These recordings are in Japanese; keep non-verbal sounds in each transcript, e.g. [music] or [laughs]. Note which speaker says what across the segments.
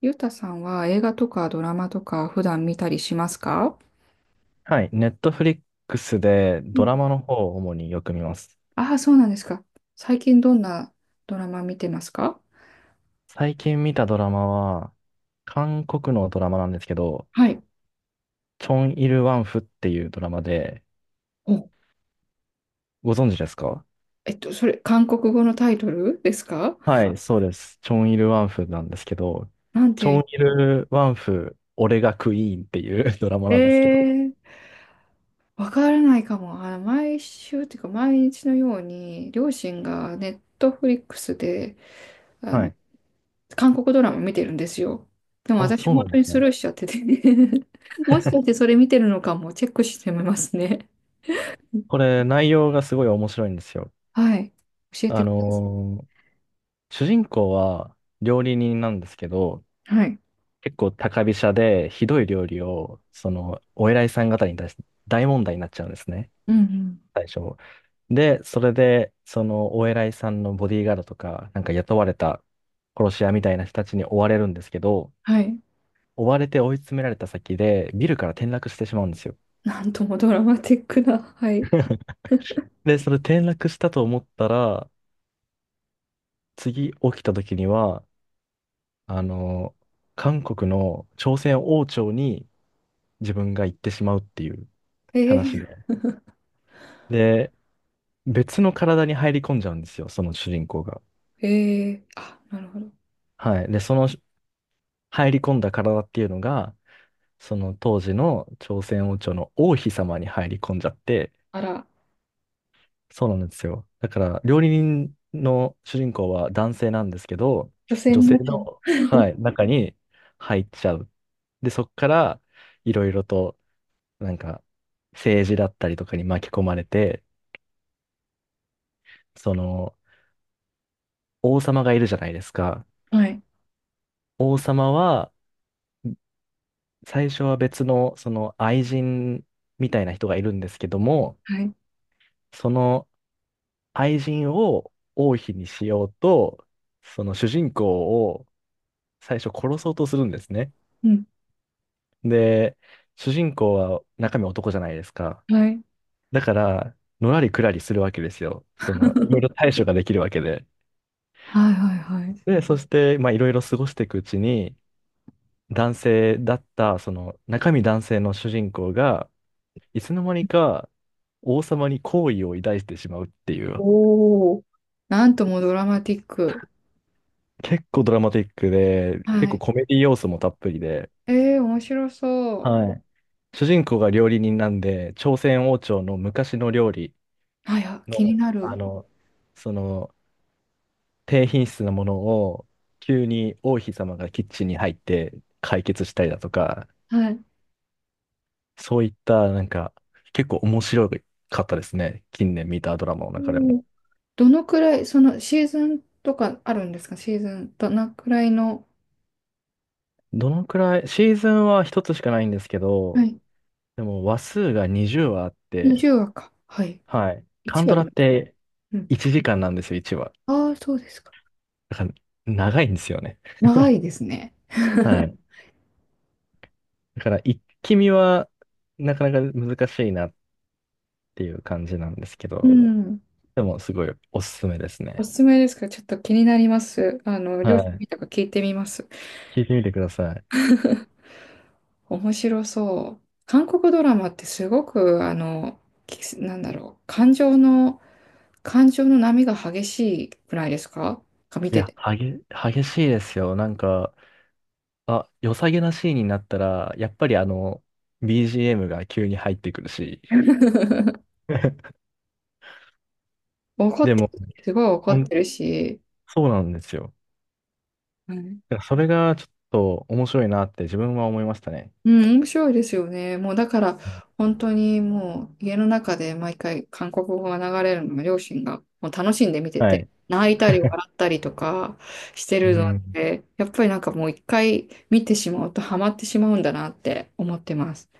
Speaker 1: ゆうたさんは映画とかドラマとか普段見たりしますか？
Speaker 2: はい。ネットフリックスでドラマの方を主によく見ます。
Speaker 1: ああー、そうなんですか。最近どんなドラマ見てますか？
Speaker 2: 最近見たドラマは、韓国のドラマなんですけど、
Speaker 1: はい。
Speaker 2: チョン・イル・ワンフっていうドラマで、
Speaker 1: お、
Speaker 2: ご存知ですか？
Speaker 1: それ、韓国語のタイトルですか？
Speaker 2: はい、そうです。チョン・イル・ワンフなんですけど、
Speaker 1: なん
Speaker 2: チ
Speaker 1: て
Speaker 2: ョン・イ
Speaker 1: い
Speaker 2: ル・ワンフ、俺がクイーンっていう [laughs] ドラマ
Speaker 1: う、
Speaker 2: なんですけど。
Speaker 1: わからないかも。あの、毎週っていうか、毎日のように、両親がネットフリックスで、あ
Speaker 2: は
Speaker 1: の、
Speaker 2: い。
Speaker 1: 韓国ドラマ見てるんですよ。でも
Speaker 2: あ、
Speaker 1: 私、
Speaker 2: そうな
Speaker 1: 本
Speaker 2: ん
Speaker 1: 当
Speaker 2: で
Speaker 1: に
Speaker 2: す
Speaker 1: ス
Speaker 2: ね。
Speaker 1: ルーしちゃってて、 [laughs] もしかしてそれ見てるのかも、チェックしてみますね。
Speaker 2: これ、内容がすごい面白いんですよ。
Speaker 1: はい。教えて
Speaker 2: あ
Speaker 1: くださ
Speaker 2: のー主人公は料理人なんですけど、
Speaker 1: い。はい。
Speaker 2: 結構高飛車で、ひどい料理を、お偉いさん方に対して大問題になっちゃうんですね。
Speaker 1: うんうん。
Speaker 2: 最初。で、それで、お偉いさんのボディーガードとか、なんか雇われた殺し屋みたいな人たちに追われるんですけど、
Speaker 1: はい。
Speaker 2: 追われて追い詰められた先で、ビルから転落してしまうんですよ。
Speaker 1: なんともドラマティックな。はい。
Speaker 2: [laughs] で、それ転落したと思ったら、次起きた時には、あの、韓国の朝鮮王朝に自分が行ってしまうっていう話
Speaker 1: え
Speaker 2: で。別の体に入り込んじゃうんですよ、その主人公が。
Speaker 1: ー、えー、あ、なるほど。
Speaker 2: はい。で、その入り込んだ体っていうのが、その当時の朝鮮王朝の王妃様に入り込んじゃって、
Speaker 1: あら、
Speaker 2: そうなんですよ。だから、料理人の主人公は男性なんですけど、
Speaker 1: 女性
Speaker 2: 女
Speaker 1: に
Speaker 2: 性
Speaker 1: なっちゃう。
Speaker 2: の、はい、中に入っちゃう。で、そこから、いろいろと、なんか、政治だったりとかに巻き込まれて、その、王様がいるじゃないですか。
Speaker 1: はい。
Speaker 2: 王様は、最初は別の、その愛人みたいな人がいるんですけども、
Speaker 1: はい。
Speaker 2: その愛人を王妃にしようと、その主人公を最初殺そうとするんですね。
Speaker 1: うん。
Speaker 2: で、主人公は中身男じゃないですか。
Speaker 1: はい。
Speaker 2: だから、のらりくらりするわけですよ。その、いろいろ対処ができるわけで。
Speaker 1: はいはい、は
Speaker 2: で、
Speaker 1: い。
Speaker 2: そして、まあ、いろいろ過ごしていくうちに、男性だった、その中身男性の主人公が、いつの間にか王様に好意を抱いてしまうっていう、
Speaker 1: おお。なんともドラマティック。
Speaker 2: 結構ドラマティックで、結
Speaker 1: は
Speaker 2: 構
Speaker 1: い。
Speaker 2: コメディ要素もたっぷりで、
Speaker 1: えー、面白そ
Speaker 2: はい。主人公が料理人なんで、朝鮮王朝の昔の料理
Speaker 1: う。はいや、
Speaker 2: の、
Speaker 1: 気になる。
Speaker 2: その、低品質なものを、急に王妃様がキッチンに入って解決したりだとか、
Speaker 1: はい。
Speaker 2: そういった、なんか、結構面白かったですね。近年見たドラマの中で
Speaker 1: お
Speaker 2: も。
Speaker 1: ー、どのくらい、そのシーズンとかあるんですか？シーズン、どのくらいの、
Speaker 2: どのくらい、シーズンは一つしかないんですけ
Speaker 1: は
Speaker 2: ど、
Speaker 1: い。
Speaker 2: でも話数が20話あって、
Speaker 1: 20話か。はい。
Speaker 2: はい。カン
Speaker 1: 1
Speaker 2: ド
Speaker 1: 話
Speaker 2: ラ
Speaker 1: と。
Speaker 2: って
Speaker 1: うん。
Speaker 2: 1時間なんですよ、1話。
Speaker 1: ああ、そうですか。
Speaker 2: だから長いんですよね。
Speaker 1: 長いですね。
Speaker 2: はい。だから一気見はなかなか難しいなっていう感じなんですけ
Speaker 1: う
Speaker 2: ど、
Speaker 1: ん。
Speaker 2: でもすごいおすすめです
Speaker 1: お
Speaker 2: ね。
Speaker 1: すすめですか？ちょっと気になります。あの、両
Speaker 2: は
Speaker 1: 親
Speaker 2: い。
Speaker 1: 見たか聞いてみます。
Speaker 2: 聞いてみてください。
Speaker 1: 面白そう。韓国ドラマってすごく、きなんだろう、感情の、感情の波が激しいくらいですか？が見
Speaker 2: い
Speaker 1: て
Speaker 2: や、
Speaker 1: て。
Speaker 2: 激しいですよ。なんか、あ、良さげなシーンになったら、やっぱりBGM が急に入ってくるし、[laughs]
Speaker 1: 怒っ
Speaker 2: で
Speaker 1: て
Speaker 2: も、
Speaker 1: る、すごい怒
Speaker 2: ほ
Speaker 1: っ
Speaker 2: ん、
Speaker 1: てるし、
Speaker 2: そうなんですよ。だからそれがちょっと面白いなって自分は思いましたね。
Speaker 1: うん、面白いですよね。もうだから、本当にもう家の中で毎回韓国語が流れるのが両親がもう楽しんで見て
Speaker 2: は
Speaker 1: て、
Speaker 2: い。
Speaker 1: 泣いたり笑ったりとかしてる
Speaker 2: う
Speaker 1: の
Speaker 2: ん。
Speaker 1: で、やっぱりなんかもう一回見てしまうとハマってしまうんだなって思ってます。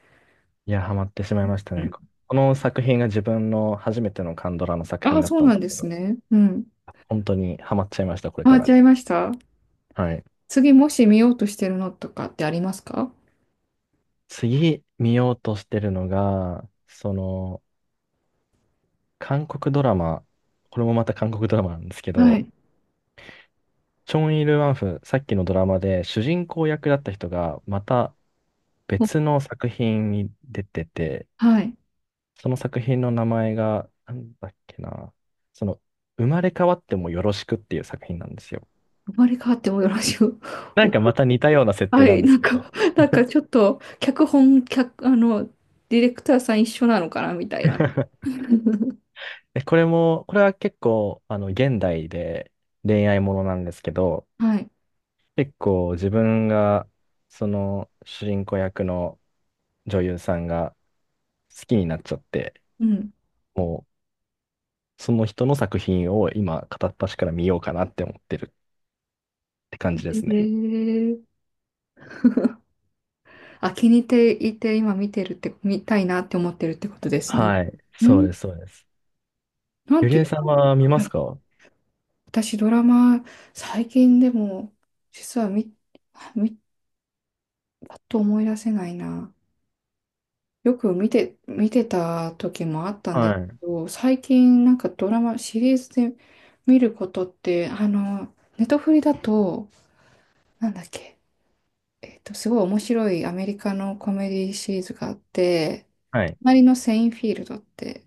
Speaker 2: いや、ハマってしまいました
Speaker 1: う
Speaker 2: ね。
Speaker 1: ん。
Speaker 2: この作品が自分の初めてのカンドラの作品
Speaker 1: あ、
Speaker 2: だっ
Speaker 1: そう
Speaker 2: たん
Speaker 1: な
Speaker 2: で
Speaker 1: ん
Speaker 2: す
Speaker 1: で
Speaker 2: け
Speaker 1: す
Speaker 2: ど、
Speaker 1: ね。うん。
Speaker 2: 本当にハマっちゃいました、これ
Speaker 1: ハマ
Speaker 2: か
Speaker 1: っち
Speaker 2: ら。
Speaker 1: ゃいました。
Speaker 2: はい。
Speaker 1: 次もし見ようとしてるのとかってありますか？
Speaker 2: 次見ようとしてるのが、韓国ドラマ、これもまた韓国ドラマなんですけ
Speaker 1: はい。
Speaker 2: ど、チョン・イル・ワンフ、さっきのドラマで主人公役だった人が、また
Speaker 1: お、
Speaker 2: 別の作品に出てて、
Speaker 1: はい。
Speaker 2: その作品の名前が、なんだっけな、その、生まれ変わってもよろしくっていう作品なんですよ。
Speaker 1: 生まれ変わってもよろしく。 [laughs]
Speaker 2: なん
Speaker 1: お、
Speaker 2: かまた似たような設定
Speaker 1: は
Speaker 2: な
Speaker 1: い、
Speaker 2: んで
Speaker 1: な
Speaker 2: す
Speaker 1: ん
Speaker 2: け
Speaker 1: か、
Speaker 2: ど、
Speaker 1: [laughs] なんかちょっと、脚本、脚、ディレクターさん一緒なのかなみたいな。
Speaker 2: で、これは結構、現代で恋愛ものなんですけど、
Speaker 1: はい。
Speaker 2: 結構自分が、その、主人公役の女優さんが好きになっちゃって、
Speaker 1: うん。
Speaker 2: もう、その人の作品を今、片っ端から見ようかなって思ってるって感じですね。
Speaker 1: ええ、あ、気に入っていて、今見てるって、見たいなって思ってるってことですね。
Speaker 2: はい、
Speaker 1: う
Speaker 2: そう
Speaker 1: ん、
Speaker 2: です、そうです。
Speaker 1: なん
Speaker 2: ゆり
Speaker 1: てい
Speaker 2: え
Speaker 1: う
Speaker 2: さ
Speaker 1: か、
Speaker 2: んは見ま
Speaker 1: は
Speaker 2: す
Speaker 1: い、
Speaker 2: か？
Speaker 1: 私ドラマ、最近でも、実は見、見、パッと思い出せないな。よく見て、見てた時もあったんで
Speaker 2: は
Speaker 1: す
Speaker 2: い。
Speaker 1: けど、最近なんかドラマ、シリーズで見ることって、ネトフリだと、なんだっけ、すごい面白いアメリカのコメディシリーズがあって、
Speaker 2: はい。
Speaker 1: 隣のセインフィールドって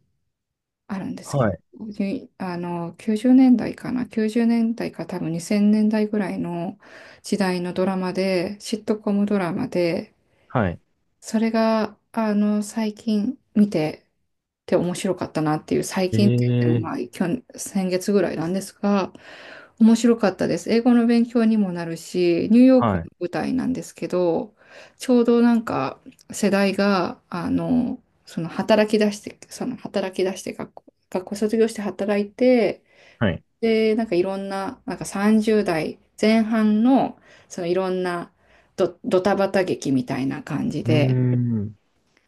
Speaker 1: あるんです
Speaker 2: は
Speaker 1: け
Speaker 2: い。
Speaker 1: ど、にあの、90年代かな、90年代か多分2000年代ぐらいの時代のドラマで、シットコムドラマで、
Speaker 2: はい。
Speaker 1: それが、最近見て面白かったなっていう、最
Speaker 2: え
Speaker 1: 近って言っても、
Speaker 2: え、
Speaker 1: まあ、去年先月ぐらいなんですが、面白かったです。英語の勉強にもなるし、ニューヨーク
Speaker 2: は
Speaker 1: の
Speaker 2: い。
Speaker 1: 舞台なんですけど、ちょうどなんか世代が、その働き出して、学校卒業して働いて、
Speaker 2: はい。
Speaker 1: で、なんかいろんな、なんか30代前半の、そのいろんなドタバタ劇みたいな感じ
Speaker 2: うー
Speaker 1: で、
Speaker 2: ん。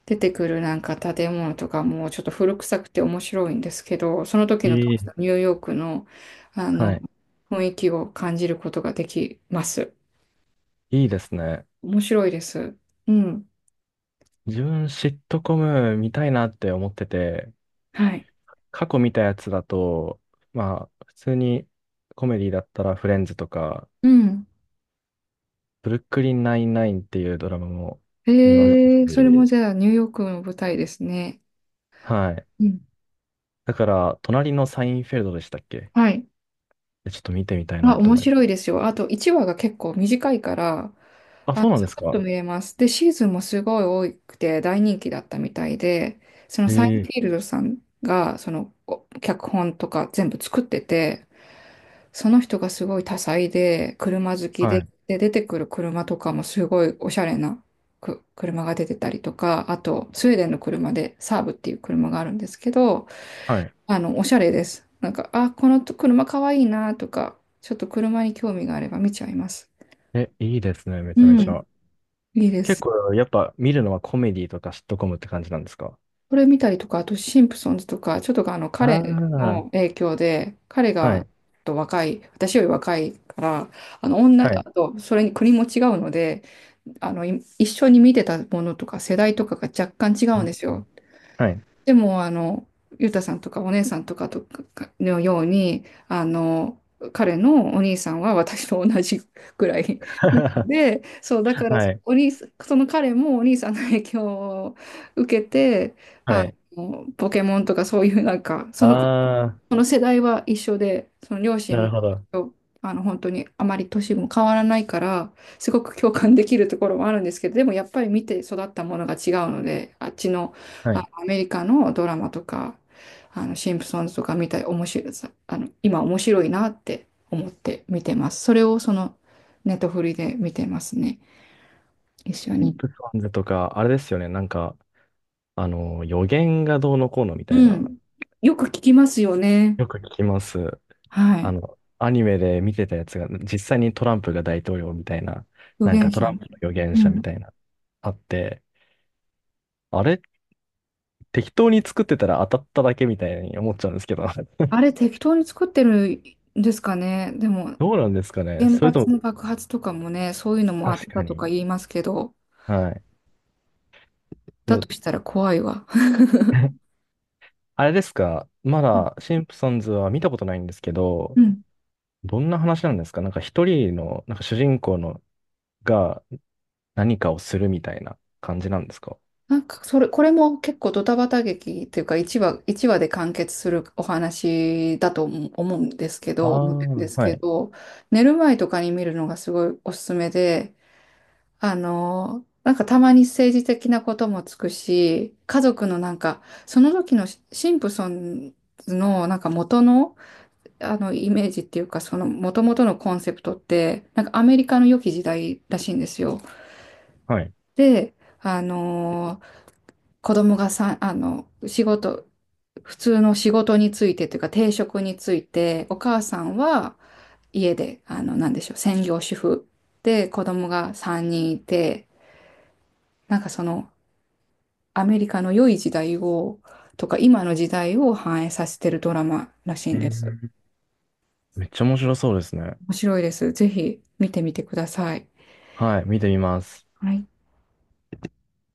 Speaker 1: 出てくるなんか建物とかもちょっと古臭くて面白いんですけど、その時の当
Speaker 2: い
Speaker 1: 時の
Speaker 2: い。
Speaker 1: ニューヨークの、あ
Speaker 2: は
Speaker 1: の
Speaker 2: い。
Speaker 1: 雰囲気を感じることができます。
Speaker 2: いいですね。
Speaker 1: 面白いです。うん。
Speaker 2: 自分、シットコム見たいなって思ってて、
Speaker 1: はい。
Speaker 2: 過去見たやつだと、まあ、普通にコメディだったらフレンズとか、
Speaker 1: うん。
Speaker 2: ブルックリンナインナインっていうドラマも見ました
Speaker 1: えー、それ
Speaker 2: し、
Speaker 1: もじゃあニューヨークの舞台ですね。
Speaker 2: はい。
Speaker 1: うん。
Speaker 2: だから、隣のサインフェルドでしたっけ？
Speaker 1: はい。
Speaker 2: ちょっと見てみたいな
Speaker 1: あ、
Speaker 2: と
Speaker 1: 面
Speaker 2: 思いま
Speaker 1: 白い
Speaker 2: す。
Speaker 1: ですよ。あと1話が結構短いから、
Speaker 2: あ、
Speaker 1: あ、
Speaker 2: そうなんで
Speaker 1: サ
Speaker 2: す
Speaker 1: クッと
Speaker 2: か？
Speaker 1: 見れます。で、シーズンもすごい多くて大人気だったみたいで、その
Speaker 2: え
Speaker 1: サインフ
Speaker 2: え、
Speaker 1: ィールドさんが、そのお脚本とか全部作ってて、その人がすごい多彩で、車好き
Speaker 2: は
Speaker 1: で、
Speaker 2: い。
Speaker 1: で、出てくる車とかもすごいおしゃれなく車が出てたりとか、あと、スウェーデンの車でサーブっていう車があるんですけど、
Speaker 2: はい。
Speaker 1: おしゃれです。なんか、あ、この車かわいいなとか、ちょっと車に興味があれば見ちゃいます。
Speaker 2: え、いいですね、め
Speaker 1: う
Speaker 2: ちゃめち
Speaker 1: ん、
Speaker 2: ゃ。
Speaker 1: いいで
Speaker 2: 結
Speaker 1: す。
Speaker 2: 構、やっぱ見るのはコメディとかシットコムって感じなんですか？
Speaker 1: これ見たりとか、あとシンプソンズとか、ちょっとあの
Speaker 2: ああ
Speaker 1: 彼の
Speaker 2: ー、
Speaker 1: 影響で、彼
Speaker 2: は
Speaker 1: が
Speaker 2: い、
Speaker 1: ちょっと若い、私より若いから、あの女、
Speaker 2: は
Speaker 1: あ
Speaker 2: い、
Speaker 1: とそれに国も違うので、あのい一緒に見てたものとか世代とかが若干違
Speaker 2: う
Speaker 1: うん
Speaker 2: ん、
Speaker 1: ですよ。
Speaker 2: はい、
Speaker 1: でも、ゆうたさんとかお姉さんとかとかのように、あの、彼のお兄さんは私と同じくらいなの
Speaker 2: [laughs]
Speaker 1: で、そう、だから、
Speaker 2: はい、
Speaker 1: お兄さん、その彼もお兄さんの影響を受けて、
Speaker 2: [laughs] は
Speaker 1: あ
Speaker 2: い。
Speaker 1: ポケモンとかそういうなんか、
Speaker 2: ああ、
Speaker 1: その世代は一緒で、その両
Speaker 2: なる
Speaker 1: 親
Speaker 2: ほど。
Speaker 1: も、本当にあまり年も変わらないから、すごく共感できるところもあるんですけど、でもやっぱり見て育ったものが違うので、あっちの、
Speaker 2: は
Speaker 1: あ
Speaker 2: い。
Speaker 1: のアメリカのドラマとか、シンプソンズとか見たり、面白い、さあの、今面白いなって思って見てます。それをその、ネットフリで見てますね。一緒
Speaker 2: シン
Speaker 1: に。
Speaker 2: プソンズとか、あれですよね、なんか、予言がどうのこうのみたい
Speaker 1: う
Speaker 2: な、
Speaker 1: ん。よく聞きますよね。
Speaker 2: よく聞きます。
Speaker 1: はい。
Speaker 2: アニメで見てたやつが、実際にトランプが大統領みたいな、
Speaker 1: 表
Speaker 2: なんか
Speaker 1: 現
Speaker 2: ト
Speaker 1: 者
Speaker 2: ラン
Speaker 1: の。
Speaker 2: プの予言
Speaker 1: う
Speaker 2: 者み
Speaker 1: ん。
Speaker 2: たいな、あって、あれ適当に作ってたら当たっただけみたいに思っちゃうんですけど。[laughs]
Speaker 1: あれ適当に作ってるんですかね。でも、
Speaker 2: どうなんですかね。
Speaker 1: 原
Speaker 2: それと
Speaker 1: 発
Speaker 2: も、
Speaker 1: の爆発とかもね、そういうのも当
Speaker 2: 確
Speaker 1: てた
Speaker 2: か
Speaker 1: とか
Speaker 2: に。
Speaker 1: 言いますけど、
Speaker 2: はい。
Speaker 1: だ
Speaker 2: う
Speaker 1: としたら怖いわ。[laughs]
Speaker 2: [laughs] あれですか。まだ、シンプソンズは見たことないんですけど、
Speaker 1: うん。
Speaker 2: どんな話なんですか？なんか一人の、なんか主人公のが何かをするみたいな感じなんですか？
Speaker 1: なんか、それ、これも結構ドタバタ劇っていうか、1話、一話で完結するお話だと思うんですけ
Speaker 2: あ
Speaker 1: ど、
Speaker 2: あ
Speaker 1: 思ってるんで
Speaker 2: ー、
Speaker 1: す
Speaker 2: は
Speaker 1: け
Speaker 2: い。
Speaker 1: ど、寝る前とかに見るのがすごいおすすめで、なんかたまに政治的なこともつくし、家族のなんか、その時のシンプソンズのなんか元の、イメージっていうか、その、元々のコンセプトって、なんかアメリカの良き時代らしいんですよ。
Speaker 2: はい。
Speaker 1: で、あのー子供がさ、普通の仕事についてというか、定職について、お母さんは家で、なんでしょう、専業主婦で、子供が3人いて、なんかその、アメリカの良い時代を、とか、今の時代を反映させてるドラマらしい
Speaker 2: う
Speaker 1: んです。
Speaker 2: ん、めっちゃ面白そうですね。
Speaker 1: 面白いです。ぜひ見てみてください。
Speaker 2: はい、見てみます。
Speaker 1: はい。